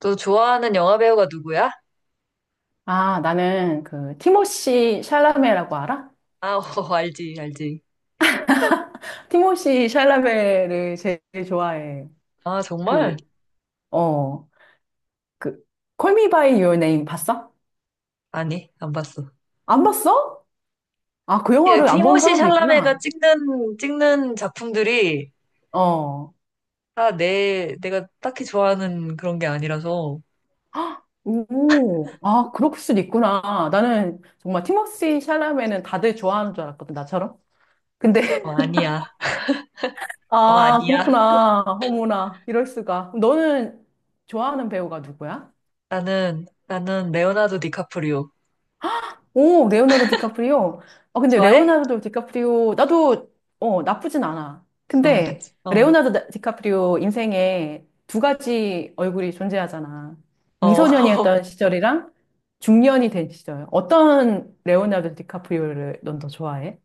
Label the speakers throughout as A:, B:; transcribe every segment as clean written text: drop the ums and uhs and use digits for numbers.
A: 너 좋아하는 영화 배우가 누구야?
B: 아, 나는 그 티모시 샬라메라고 알아?
A: 아, 어, 알지, 알지.
B: 티모시 샬라메를 제일 좋아해.
A: 아,
B: 그,
A: 정말?
B: 어, 그 Call Me by Your Name 봤어?
A: 아니, 안 봤어.
B: 안 봤어? 아, 그
A: 예,
B: 영화를 안 본
A: 티모시
B: 사람도 있구나.
A: 샬라메가 찍는 작품들이
B: 어.
A: 다 내가 딱히 좋아하는 그런 게 아니라서,
B: 헉, 오, 아, 그럴 수도 있구나. 나는 정말 티모시 샬라메는 다들 좋아하는 줄 알았거든, 나처럼. 근데,
A: 어, 아니야. 어, 아,
B: 아,
A: 니야.
B: 그렇구나. 어머나, 이럴 수가. 너는 좋아하는 배우가 누구야?
A: 나는 레오나르도 디카프리오.
B: 오, 레오나르도 디카프리오. 아, 근데
A: 좋아해?
B: 레오나르도 디카프리오, 나도, 어, 나쁘진 않아.
A: 어,
B: 근데,
A: 그치. 어,
B: 레오나르도 디카프리오 인생에 두 가지 얼굴이 존재하잖아.
A: 어,
B: 미소년이었던 시절이랑 중년이 된 시절. 어떤 레오나르도 디카프리오를 넌 더 좋아해?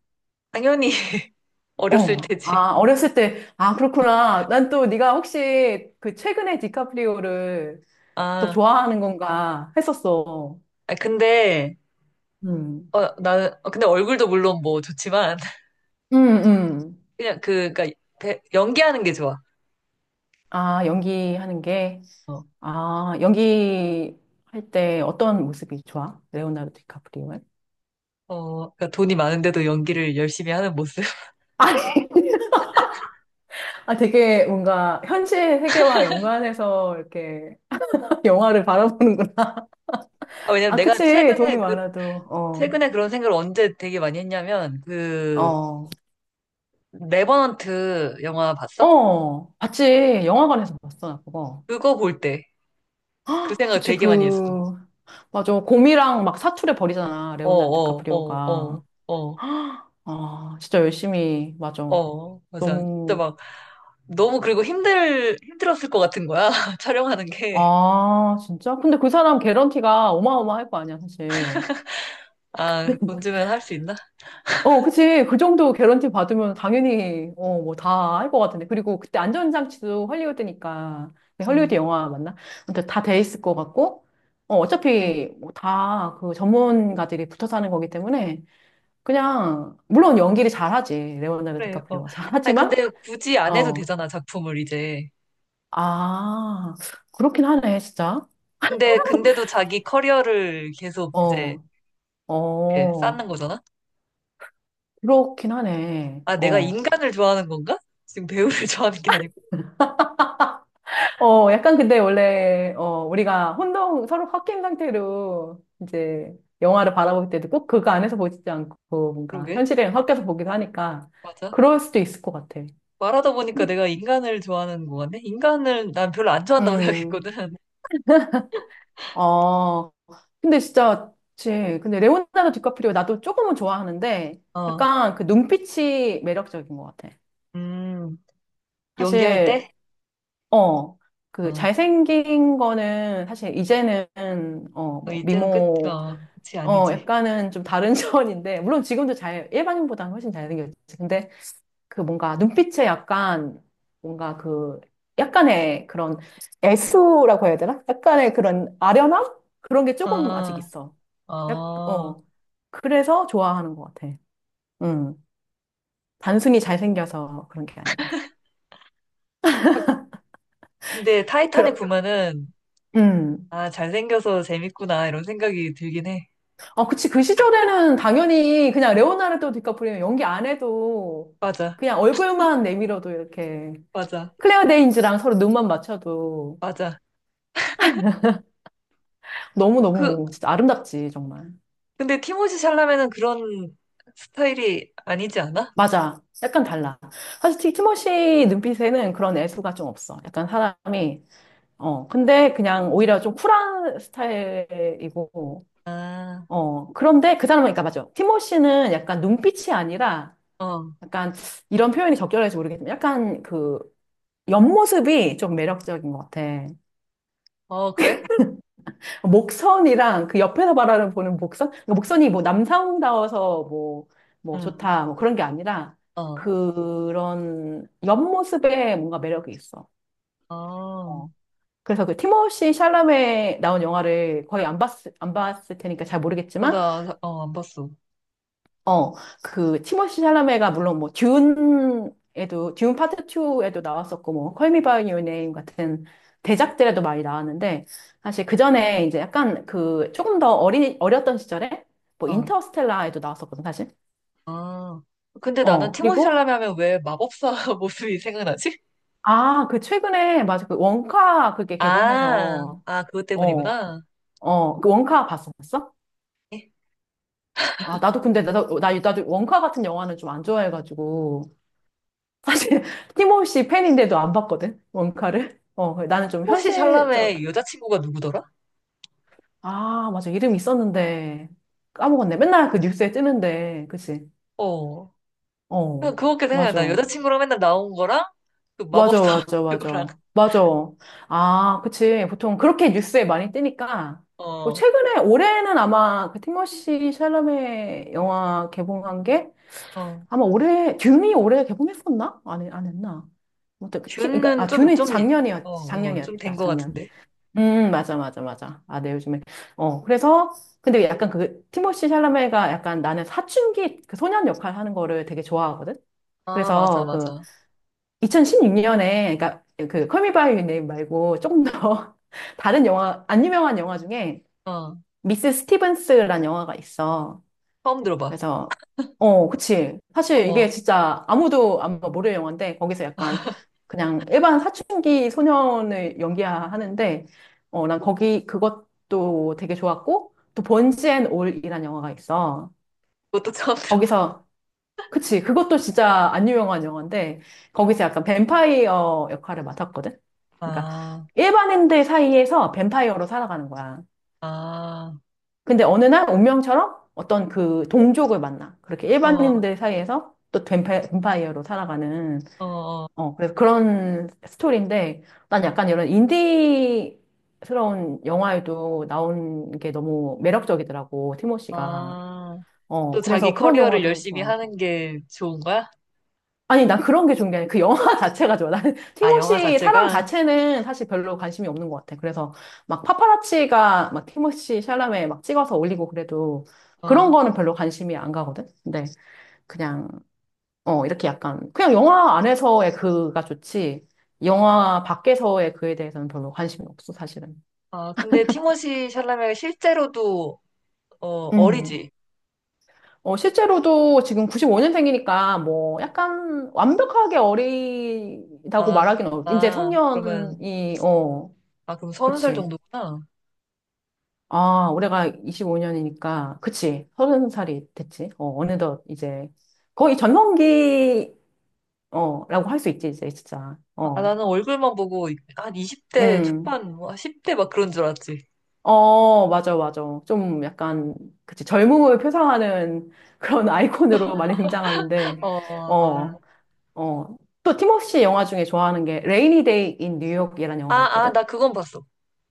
A: 당연히 어렸을
B: 어.
A: 테지.
B: 아, 어렸을 때, 아, 그렇구나. 난 또 네가 혹시 그 최근에 디카프리오를 또
A: 아,
B: 좋아하는 건가 했었어.
A: 아, 근데,
B: 음.
A: 어, 나, 어, 근데 얼굴도 물론 뭐 좋지만,
B: 음, 음.
A: 그냥 그, 그니까, 연기하는 게 좋아.
B: 아, 연기하는 게.
A: 어,
B: 아, 연기할 때 어떤 모습이 좋아? 레오나르도 디카프리오는?
A: 어, 그러니까 돈이 많은데도 연기를 열심히 하는 모습.
B: 아니, 아, 되게 뭔가 현실 세계와 연관해서 이렇게 영화를 바라보는구나.
A: 아, 왜냐면
B: 아,
A: 내가
B: 그치. 돈이
A: 최근에 그,
B: 많아도. 어,
A: 최근에 그런 생각을 언제 되게 많이 했냐면, 그,
B: 어,
A: 레버넌트 영화 봤어?
B: 어. 봤지. 영화관에서 봤어, 나 그거.
A: 그거 볼 때, 그 생각
B: 그치,
A: 되게
B: 그,
A: 많이 했어.
B: 맞아. 곰이랑 막 사투를 벌이잖아.
A: 어,
B: 레오나르도
A: 어, 어,
B: 디카프리오가.
A: 어, 어,
B: 아, 진짜 열심히, 맞아.
A: 어, 맞아. 진짜
B: 너무
A: 막, 너무 그리고 힘들었을 것 같은 거야. 촬영하는 게.
B: 아, 진짜? 근데 그 사람 개런티가 어마어마할 거 아니야, 사실.
A: 아, 돈 주면 할 수 있나?
B: 어, 그치. 그 정도 개런티 받으면 당연히, 어, 뭐 다 할 것 같은데. 그리고 그때 안전장치도 헐리우드니까. 네,
A: 음,
B: 헐리우드 영화 맞나? 근데 다 돼 있을 것 같고. 어, 어차피 뭐 다그 전문가들이 붙어 사는 거기 때문에 그냥, 물론 연기를 잘하지. 레오나르도
A: 그래, 어.
B: 디카프리오가.
A: 아니,
B: 잘하지만,
A: 근데 굳이 안 해도
B: 어,
A: 되잖아, 작품을 이제.
B: 아, 그렇긴 하네, 진짜.
A: 근데, 근데도 자기 커리어를 계속 이제
B: 어,
A: 이렇게
B: 어.
A: 쌓는 거잖아?
B: 그렇긴 하네.
A: 아, 내가
B: 어.
A: 인간을 좋아하는 건가? 지금 배우를 좋아하는 게 아니고.
B: 어, 약간 근데 원래, 어, 우리가 혼동, 서로 섞인 상태로 이제 영화를 바라볼 때도 꼭 그거 안에서 보지 않고 뭔가
A: 그러게.
B: 현실이랑 섞여서 보기도 하니까
A: 맞아.
B: 그럴 수도 있을 것 같아.
A: 말하다 보니까
B: 근데
A: 내가 인간을 좋아하는 거 같네? 인간을 난 별로 안 좋아한다고
B: 음,
A: 생각했거든.
B: 어, 근데 진짜, 그치. 근데 레오나르도 디카프리오 나도 조금은 좋아하는데
A: 어,
B: 약간 그 눈빛이 매력적인 것 같아.
A: 음, 연기할
B: 사실,
A: 때?
B: 어, 그
A: 어,
B: 잘생긴 거는 사실 이제는, 어,
A: 어,
B: 뭐
A: 이제는 끝,
B: 미모,
A: 어, 그치,
B: 어,
A: 아니지.
B: 약간은 좀 다른 차원인데, 물론 지금도 잘, 일반인보다는 훨씬 잘생겼지. 근데 그 뭔가 눈빛에 약간, 뭔가 그, 약간의 그런 애수라고 해야 되나? 약간의 그런 아련함? 그런 게 조금 아직
A: 아,
B: 있어. 약,
A: 어.
B: 어. 그래서 좋아하는 것 같아. 음. 단순히 잘생겨서 그런 게 아니라.
A: 근데 타이타닉
B: 그럼,
A: 보면은,
B: 음.
A: 아, 잘생겨서 재밌구나, 이런 생각이 들긴 해.
B: 어, 그치. 그 시절에는 당연히 그냥 레오나르도 디카프리오 연기 안 해도
A: 맞아,
B: 그냥 얼굴만 내밀어도 이렇게.
A: 맞아,
B: 클레어 데인즈랑 서로 눈만 맞춰도
A: 맞아. 그,
B: 너무너무 진짜 아름답지, 정말.
A: 근데 티모시 샬라메는 그런 스타일이 아니지 않아?
B: 맞아. 약간 달라. 사실 티모시 눈빛에는 그런 애수가 좀 없어. 약간 사람이, 어, 근데 그냥 오히려 좀 쿨한 스타일이고,
A: 아,
B: 어, 그런데 그 사람은, 그러니까 맞아. 티모시는 약간 눈빛이 아니라
A: 어,
B: 약간 이런 표현이 적절할지 모르겠지만 약간 그 옆모습이 좀 매력적인 것 같아.
A: 어, 그래?
B: 목선이랑 그 옆에서 바라보는 목선? 그러니까 목선이 뭐 남성다워서 뭐, 뭐
A: 응,
B: 좋다, 뭐 그런 게 아니라
A: 어,
B: 그런 옆모습에 뭔가 매력이 있어.
A: 어,
B: 어. 그래서 그 티모시 샬라메 나온 영화를 거의 안 봤을 테니까 잘
A: 어,
B: 모르겠지만
A: 나, 어, 안 봤어.
B: 어, 그 티모시 샬라메가 물론 뭐 듄에도 듄 파트 2에도 나왔었고 뭐 콜미 바이 유 네임 같은 대작들에도 많이 나왔는데 사실 그 전에 이제 약간 그 조금 더 어린 어렸던 시절에 뭐
A: 어,
B: 인터스텔라에도 나왔었거든 사실.
A: 어. 근데 나는
B: 어,
A: 티모시
B: 그리고
A: 샬라메 하면 왜 마법사 모습이 생각나지?
B: 아, 그 최근에 맞아 그 원카 그게
A: 아,
B: 개봉해서
A: 아, 그것
B: 어,
A: 때문이구나.
B: 어, 그 원카 봤었어?
A: 에?
B: 아, 나도 근데 나도 어, 나 나도 원카 같은 영화는 좀 안 좋아해가지고 사실 팀없이 팬인데도 안 봤거든 원카를 어 나는 좀
A: 티모시
B: 현실적
A: 샬라메 여자친구가 누구더라?
B: 아 맞아 이름 있었는데 까먹었네 맨날 그 뉴스에 뜨는데 그치
A: 어,
B: 어
A: 그냥 그거밖에 생각나.
B: 맞아
A: 여자친구랑 맨날 나온 거랑, 그
B: 맞아
A: 마법사
B: 맞아
A: 그거랑,
B: 맞아 맞아 아 그치 보통 그렇게 뉴스에 많이 뜨니까 뭐
A: 어,
B: 최근에 올해는 아마 그 티모시 샬라메 영화 개봉한 게
A: 어.
B: 아마 올해 듄이 올해 개봉했었나 안 했나 아무튼 그 팀, 그러니까
A: 듄은
B: 아
A: 좀,
B: 듄이
A: 좀, 어, 어, 좀 된
B: 작년이었다
A: 거
B: 작년
A: 같은데.
B: 맞아, 맞아, 맞아. 아, 네, 요즘에. 어, 그래서, 근데 약간 그, 티모시 샬라메가 약간 나는 사춘기 그 소년 역할 하는 거를 되게 좋아하거든?
A: 아, 맞아,
B: 그래서 그,
A: 맞아.
B: 2016년에, 그니까 그, 컬미 바이 유 네임 말고 조금 더 다른 영화, 안 유명한 영화 중에
A: 어,
B: 미스 스티븐스란 영화가 있어.
A: 처음 들어봐.
B: 그래서, 어, 그치. 사실 이게
A: 어머,
B: 진짜 아무도 아마 모를 영화인데, 거기서 약간 그냥 일반 사춘기 소년을 연기하는데, 어, 난 거기 그것도 되게 좋았고, 또 번지 앤 올이란 영화가 있어.
A: 그것도 처음 들어봐.
B: 거기서, 그치. 그것도 진짜 안 유명한 영화인데, 거기서 약간 뱀파이어 역할을 맡았거든? 그러니까
A: 아,
B: 일반인들 사이에서 뱀파이어로 살아가는 거야.
A: 아,
B: 근데 어느 날 운명처럼 어떤 그 동족을 만나. 그렇게
A: 어,
B: 일반인들 사이에서 또 뱀파이어로 살아가는,
A: 어, 어,
B: 어, 그래서 그런 스토리인데, 난 약간 이런 인디스러운 영화에도 나온 게 너무 매력적이더라고, 티모시가.
A: 아.
B: 어,
A: 또 자기
B: 그래서 그런
A: 커리어를
B: 영화도
A: 열심히
B: 좋아하고.
A: 하는 게 좋은 거야?
B: 아니, 난 그런 게 좋은 게 아니라 그 영화 자체가 좋아. 나는
A: 아, 영화
B: 티모시 사람
A: 자체가?
B: 자체는 사실 별로 관심이 없는 것 같아. 그래서 막 파파라치가 막 티모시 샬라메 막 찍어서 올리고 그래도 그런
A: 어,
B: 거는 별로 관심이 안 가거든. 근데 그냥 어 이렇게 약간 그냥 영화 안에서의 그가 좋지. 영화 밖에서의 그에 대해서는 별로 관심이 없어, 사실은.
A: 아, 근데 티모시 샬라메가 실제로도, 어,
B: 음.
A: 어리지?
B: 어, 실제로도 지금 95년생이니까 뭐 약간 완벽하게 어리다고
A: 아, 그-
B: 말하기는 어렵 이제
A: 아, 그러면,
B: 성년이, 어,
A: 아, 그럼 서른 살
B: 그치.
A: 정도구나.
B: 아, 올해가 25년이니까, 그치. 서른 살이 됐지. 어, 어느덧 이제, 거의 전성기, 어, 라고 할 수 있지, 이제, 진짜.
A: 아, 아,
B: 어,
A: 나는 얼굴만 보고 한 20대
B: 음.
A: 초반, 뭐 10대 막 그런 줄 알았지.
B: 어, 맞아, 맞아. 좀 약간, 그치. 젊음을 표상하는 그런 아이콘으로 많이 등장하는데,
A: 어, 아,
B: 어, 어. 또, 팀워시 영화 중에 좋아하는 게, 레이니 데이 인 뉴욕이라는
A: 아,
B: 영화가
A: 아,
B: 있거든?
A: 나 그건 봤어.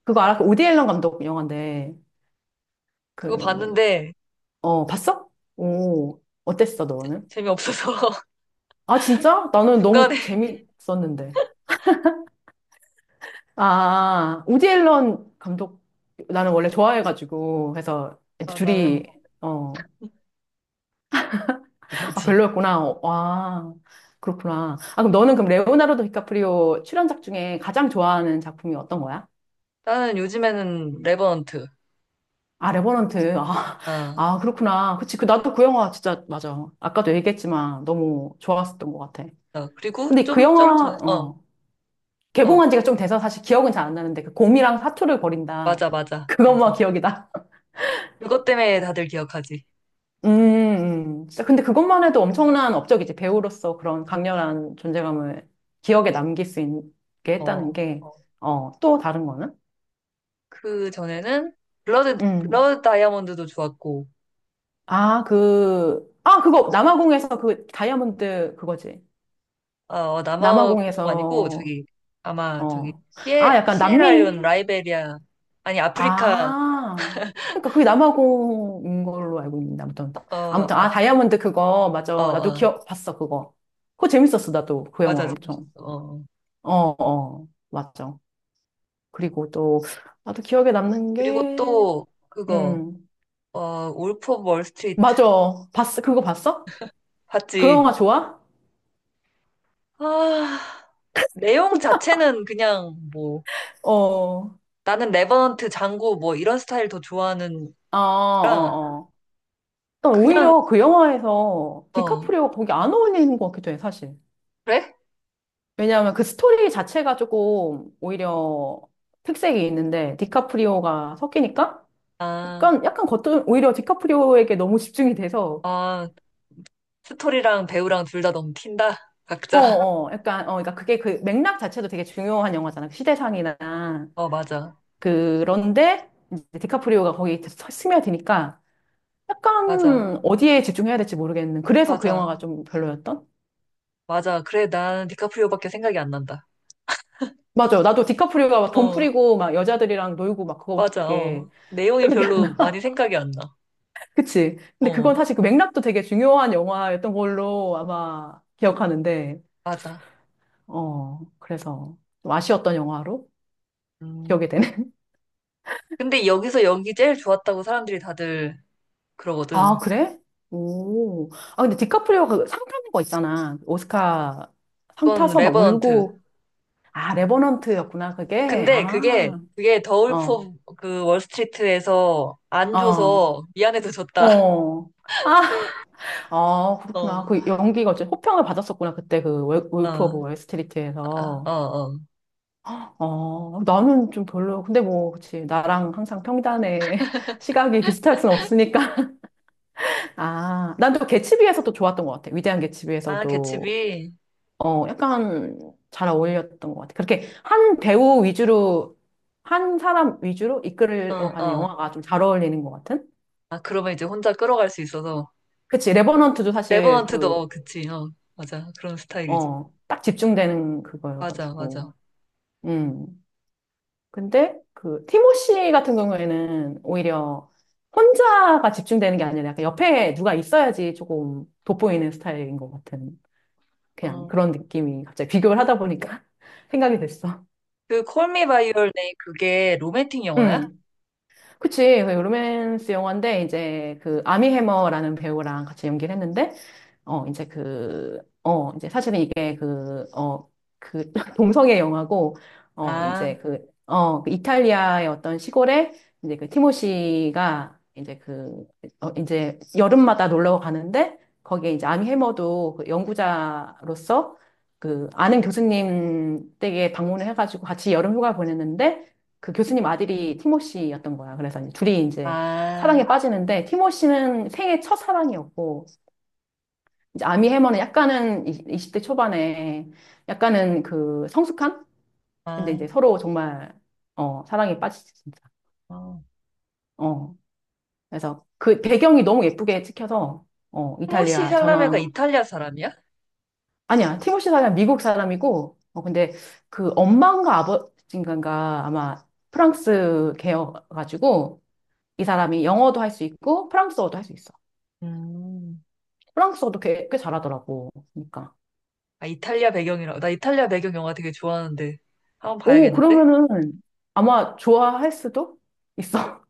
B: 그거 알아? 그디 앨런 감독 영화인데,
A: 그거
B: 그,
A: 봤는데,
B: 어, 봤어? 오, 어땠어, 너는?
A: 재미없어서
B: 아, 진짜? 나는 너무
A: 중간에
B: 재밌었는데. 아, 우디 앨런 감독, 나는 원래 좋아해가지고, 해서
A: 아, 나는
B: 둘이, 어, 아,
A: 못하지.
B: 별로였구나. 와, 그렇구나. 아, 그럼 너는 그럼 레오나르도 디카프리오 출연작 중에 가장 좋아하는 작품이 어떤 거야?
A: 나는 요즘에는 레버넌트.
B: 아, 레버넌트. 아,
A: 아,
B: 아, 그렇구나. 그치. 그, 나도 그 영화 진짜, 맞아. 아까도 얘기했지만 너무 좋았었던 것 같아.
A: 아, 그리고
B: 근데 그
A: 좀, 좀
B: 영화,
A: 전에, 어,
B: 어,
A: 어,
B: 개봉한 지가 좀 돼서 사실 기억은 잘 안 나는데 그 곰이랑 사투를 벌인다.
A: 맞아, 맞아,
B: 그것만
A: 맞아.
B: 기억이다.
A: 그것 때문에 다들 기억하지.
B: 음, 진짜 근데 그것만 해도 엄청난 업적이지. 배우로서 그런 강렬한 존재감을 기억에 남길 수 있게 했다는
A: 어,
B: 게,
A: 어.
B: 어, 또 다른 거는?
A: 그 전에는 블러드,
B: 음.
A: 블러드 다이아몬드도 좋았고,
B: 아, 그, 아, 그거, 남아공에서 그 다이아몬드 그거지.
A: 아, 어, 남아공 아니고,
B: 남아공에서,
A: 저기, 아마 저기,
B: 어. 아,
A: 시에,
B: 약간 남미?
A: 시에라리온, 라이베리아, 아니, 아프리카,
B: 아, 그러니까 그게 남아공인 걸로 알고 있는데 아무튼
A: 어,
B: 아무튼 아
A: 아,
B: 다이아몬드 그거 맞아
A: 어,
B: 나도
A: 어,
B: 기억 봤어 그거 그거 재밌었어 나도 그 영화
A: 맞아, 재밌었어.
B: 엄청
A: 어. 어.
B: 어어 맞아 그리고 또 나도 기억에 남는
A: 그리고
B: 게음
A: 또, 그거, 어, 울프 오브 월스트리트.
B: 맞아 봤어 그거 봤어 그
A: 봤지.
B: 영화 좋아
A: 아, 내용 자체는 그냥 뭐,
B: 어어어어
A: 나는 레버넌트, 장고 뭐 이런 스타일 더 좋아하는
B: 어, 아,
A: 거
B: 어, 어. 난
A: 그냥,
B: 오히려 그 영화에서
A: 어,
B: 디카프리오가 거기 안 어울리는 것 같기도 해 사실
A: 그래?
B: 왜냐하면 그 스토리 자체가 조금 오히려 특색이 있는데 디카프리오가 섞이니까
A: 아,
B: 약간 겉은 오히려 디카프리오에게 너무 집중이 돼서
A: 아, 스토리랑 배우랑 둘 다 너무 튄다? 각자.
B: 어어 약간 어 그러니까 그게 그 맥락 자체도 되게 중요한 영화잖아 그 시대상이나
A: 어, 맞아.
B: 그런데 이제 디카프리오가 거기 스며드니까 약간
A: 맞아.
B: 어디에 집중해야 될지 모르겠는 그래서 그 영화가
A: 맞아.
B: 좀 별로였던
A: 맞아. 그래, 난 디카프리오밖에 생각이 안 난다.
B: 맞아요 나도 디카프리오가 막 돈
A: 어,
B: 뿌리고 막 여자들이랑 놀고 막
A: 맞아.
B: 그거밖에
A: 어. 내용이
B: 기억이
A: 별로
B: 안나
A: 많이 생각이 안 나.
B: 그치. 근데 그건
A: 어,
B: 사실 그 맥락도 되게 중요한 영화였던 걸로 아마 기억하는데,
A: 맞아.
B: 어, 그래서 좀 아쉬웠던 영화로 기억이
A: 음.
B: 되네.
A: 근데 여기서 연기 제일 좋았다고 사람들이 다들
B: 아,
A: 그러거든.
B: 그래? 오. 아, 근데 디카프리오가 그상 타는 거 있잖아. 오스카 상
A: 그건
B: 타서 막
A: 레버넌트.
B: 울고. 아, 레버넌트였구나, 그게.
A: 근데 그게,
B: 아,
A: 그게
B: 어,
A: 더울프 그 월스트리트에서 안
B: 어,
A: 줘서 미안해서 줬다.
B: 어. 아, 아,
A: 어,
B: 그렇구나.
A: 어,
B: 그 연기가 어째 호평을 받았었구나, 그때 그 울프 오브
A: 아, 어,
B: 월스트리트에서.
A: 어.
B: 어, 나는 좀 별로. 근데 뭐, 그치. 나랑 항상 평단의 시각이 비슷할 순 없으니까. 아, 난 또 개츠비에서 또 좋았던 것 같아. 위대한
A: 아,
B: 개츠비에서도,
A: 개츠비?
B: 어, 약간 잘 어울렸던 것 같아. 그렇게 한 배우 위주로, 한 사람 위주로
A: 어,
B: 이끌어가는
A: 어.
B: 영화가 좀 잘 어울리는 것 같은?
A: 아, 그러면 이제 혼자 끌어갈 수 있어서.
B: 그치. 레버넌트도 사실 그,
A: 레버넌트도, 그치, 어. 맞아. 그런 스타일이지.
B: 어, 딱 집중되는
A: 맞아,
B: 그거여가지고.
A: 맞아.
B: 음. 근데 그 티모시 같은 경우에는 오히려 혼자가 집중되는 게 아니라 약간 옆에 누가 있어야지 조금 돋보이는 스타일인 것 같은 그냥
A: 어.
B: 그런 느낌이 갑자기 비교를 하다 보니까 생각이 됐어.
A: 그, 콜미 바이 유얼 네임, 그게 로맨틱 영화야?
B: 응. 그치. 그 로맨스 영화인데, 이제 그 아미 해머라는 배우랑 같이 연기를 했는데, 어, 이제 그, 어, 이제 사실은 이게 그, 어, 그 동성애 영화고, 어, 이제
A: 아,
B: 그, 어, 그 이탈리아의 어떤 시골에 이제 그 티모시가 이제 그, 어, 이제 여름마다 놀러 가는데, 거기에 이제 아미 해머도 그 연구자로서 그 아는 교수님 댁에 방문을 해가지고 같이 여름 휴가 보냈는데, 그 교수님 아들이 티모시였던 거야. 그래서 이제 둘이 이제
A: 아,
B: 사랑에 빠지는데 티모시는 생애 첫 사랑이었고 이제 아미 해머는 약간은 20대 초반에 약간은 그 성숙한? 근데 이제
A: 아.
B: 서로 정말 어, 사랑에 빠지지 진짜.
A: 어.
B: 어. 그래서 그 배경이 너무 예쁘게 찍혀서 어,
A: 티모시
B: 이탈리아
A: 샬라메가
B: 전원
A: 이탈리아 사람이야?
B: 아니야. 티모시 사람 미국 사람이고 어 근데 그 엄마인가 아버지인가 아마 프랑스 계여가지고 이 사람이 영어도 할 수 있고 프랑스어도 할 수 있어.
A: 음.
B: 프랑스어도 꽤 잘하더라고. 그러니까.
A: 아, 이탈리아 배경이라. 나 이탈리아 배경 영화 되게 좋아하는데. 한 번
B: 오,
A: 봐야겠는데?
B: 그러면은 아마 좋아할 수도 있어.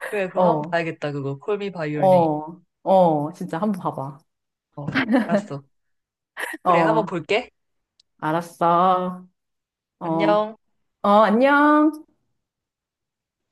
A: 그래, 그럼 한 번
B: 어,
A: 봐야겠다, 그거. Call me by your name.
B: 어, 어, 진짜 한번 봐봐.
A: 어, 알았어. 그래, 한번
B: 어,
A: 볼게.
B: 알았어. 어, 어,
A: 안녕.
B: 안녕.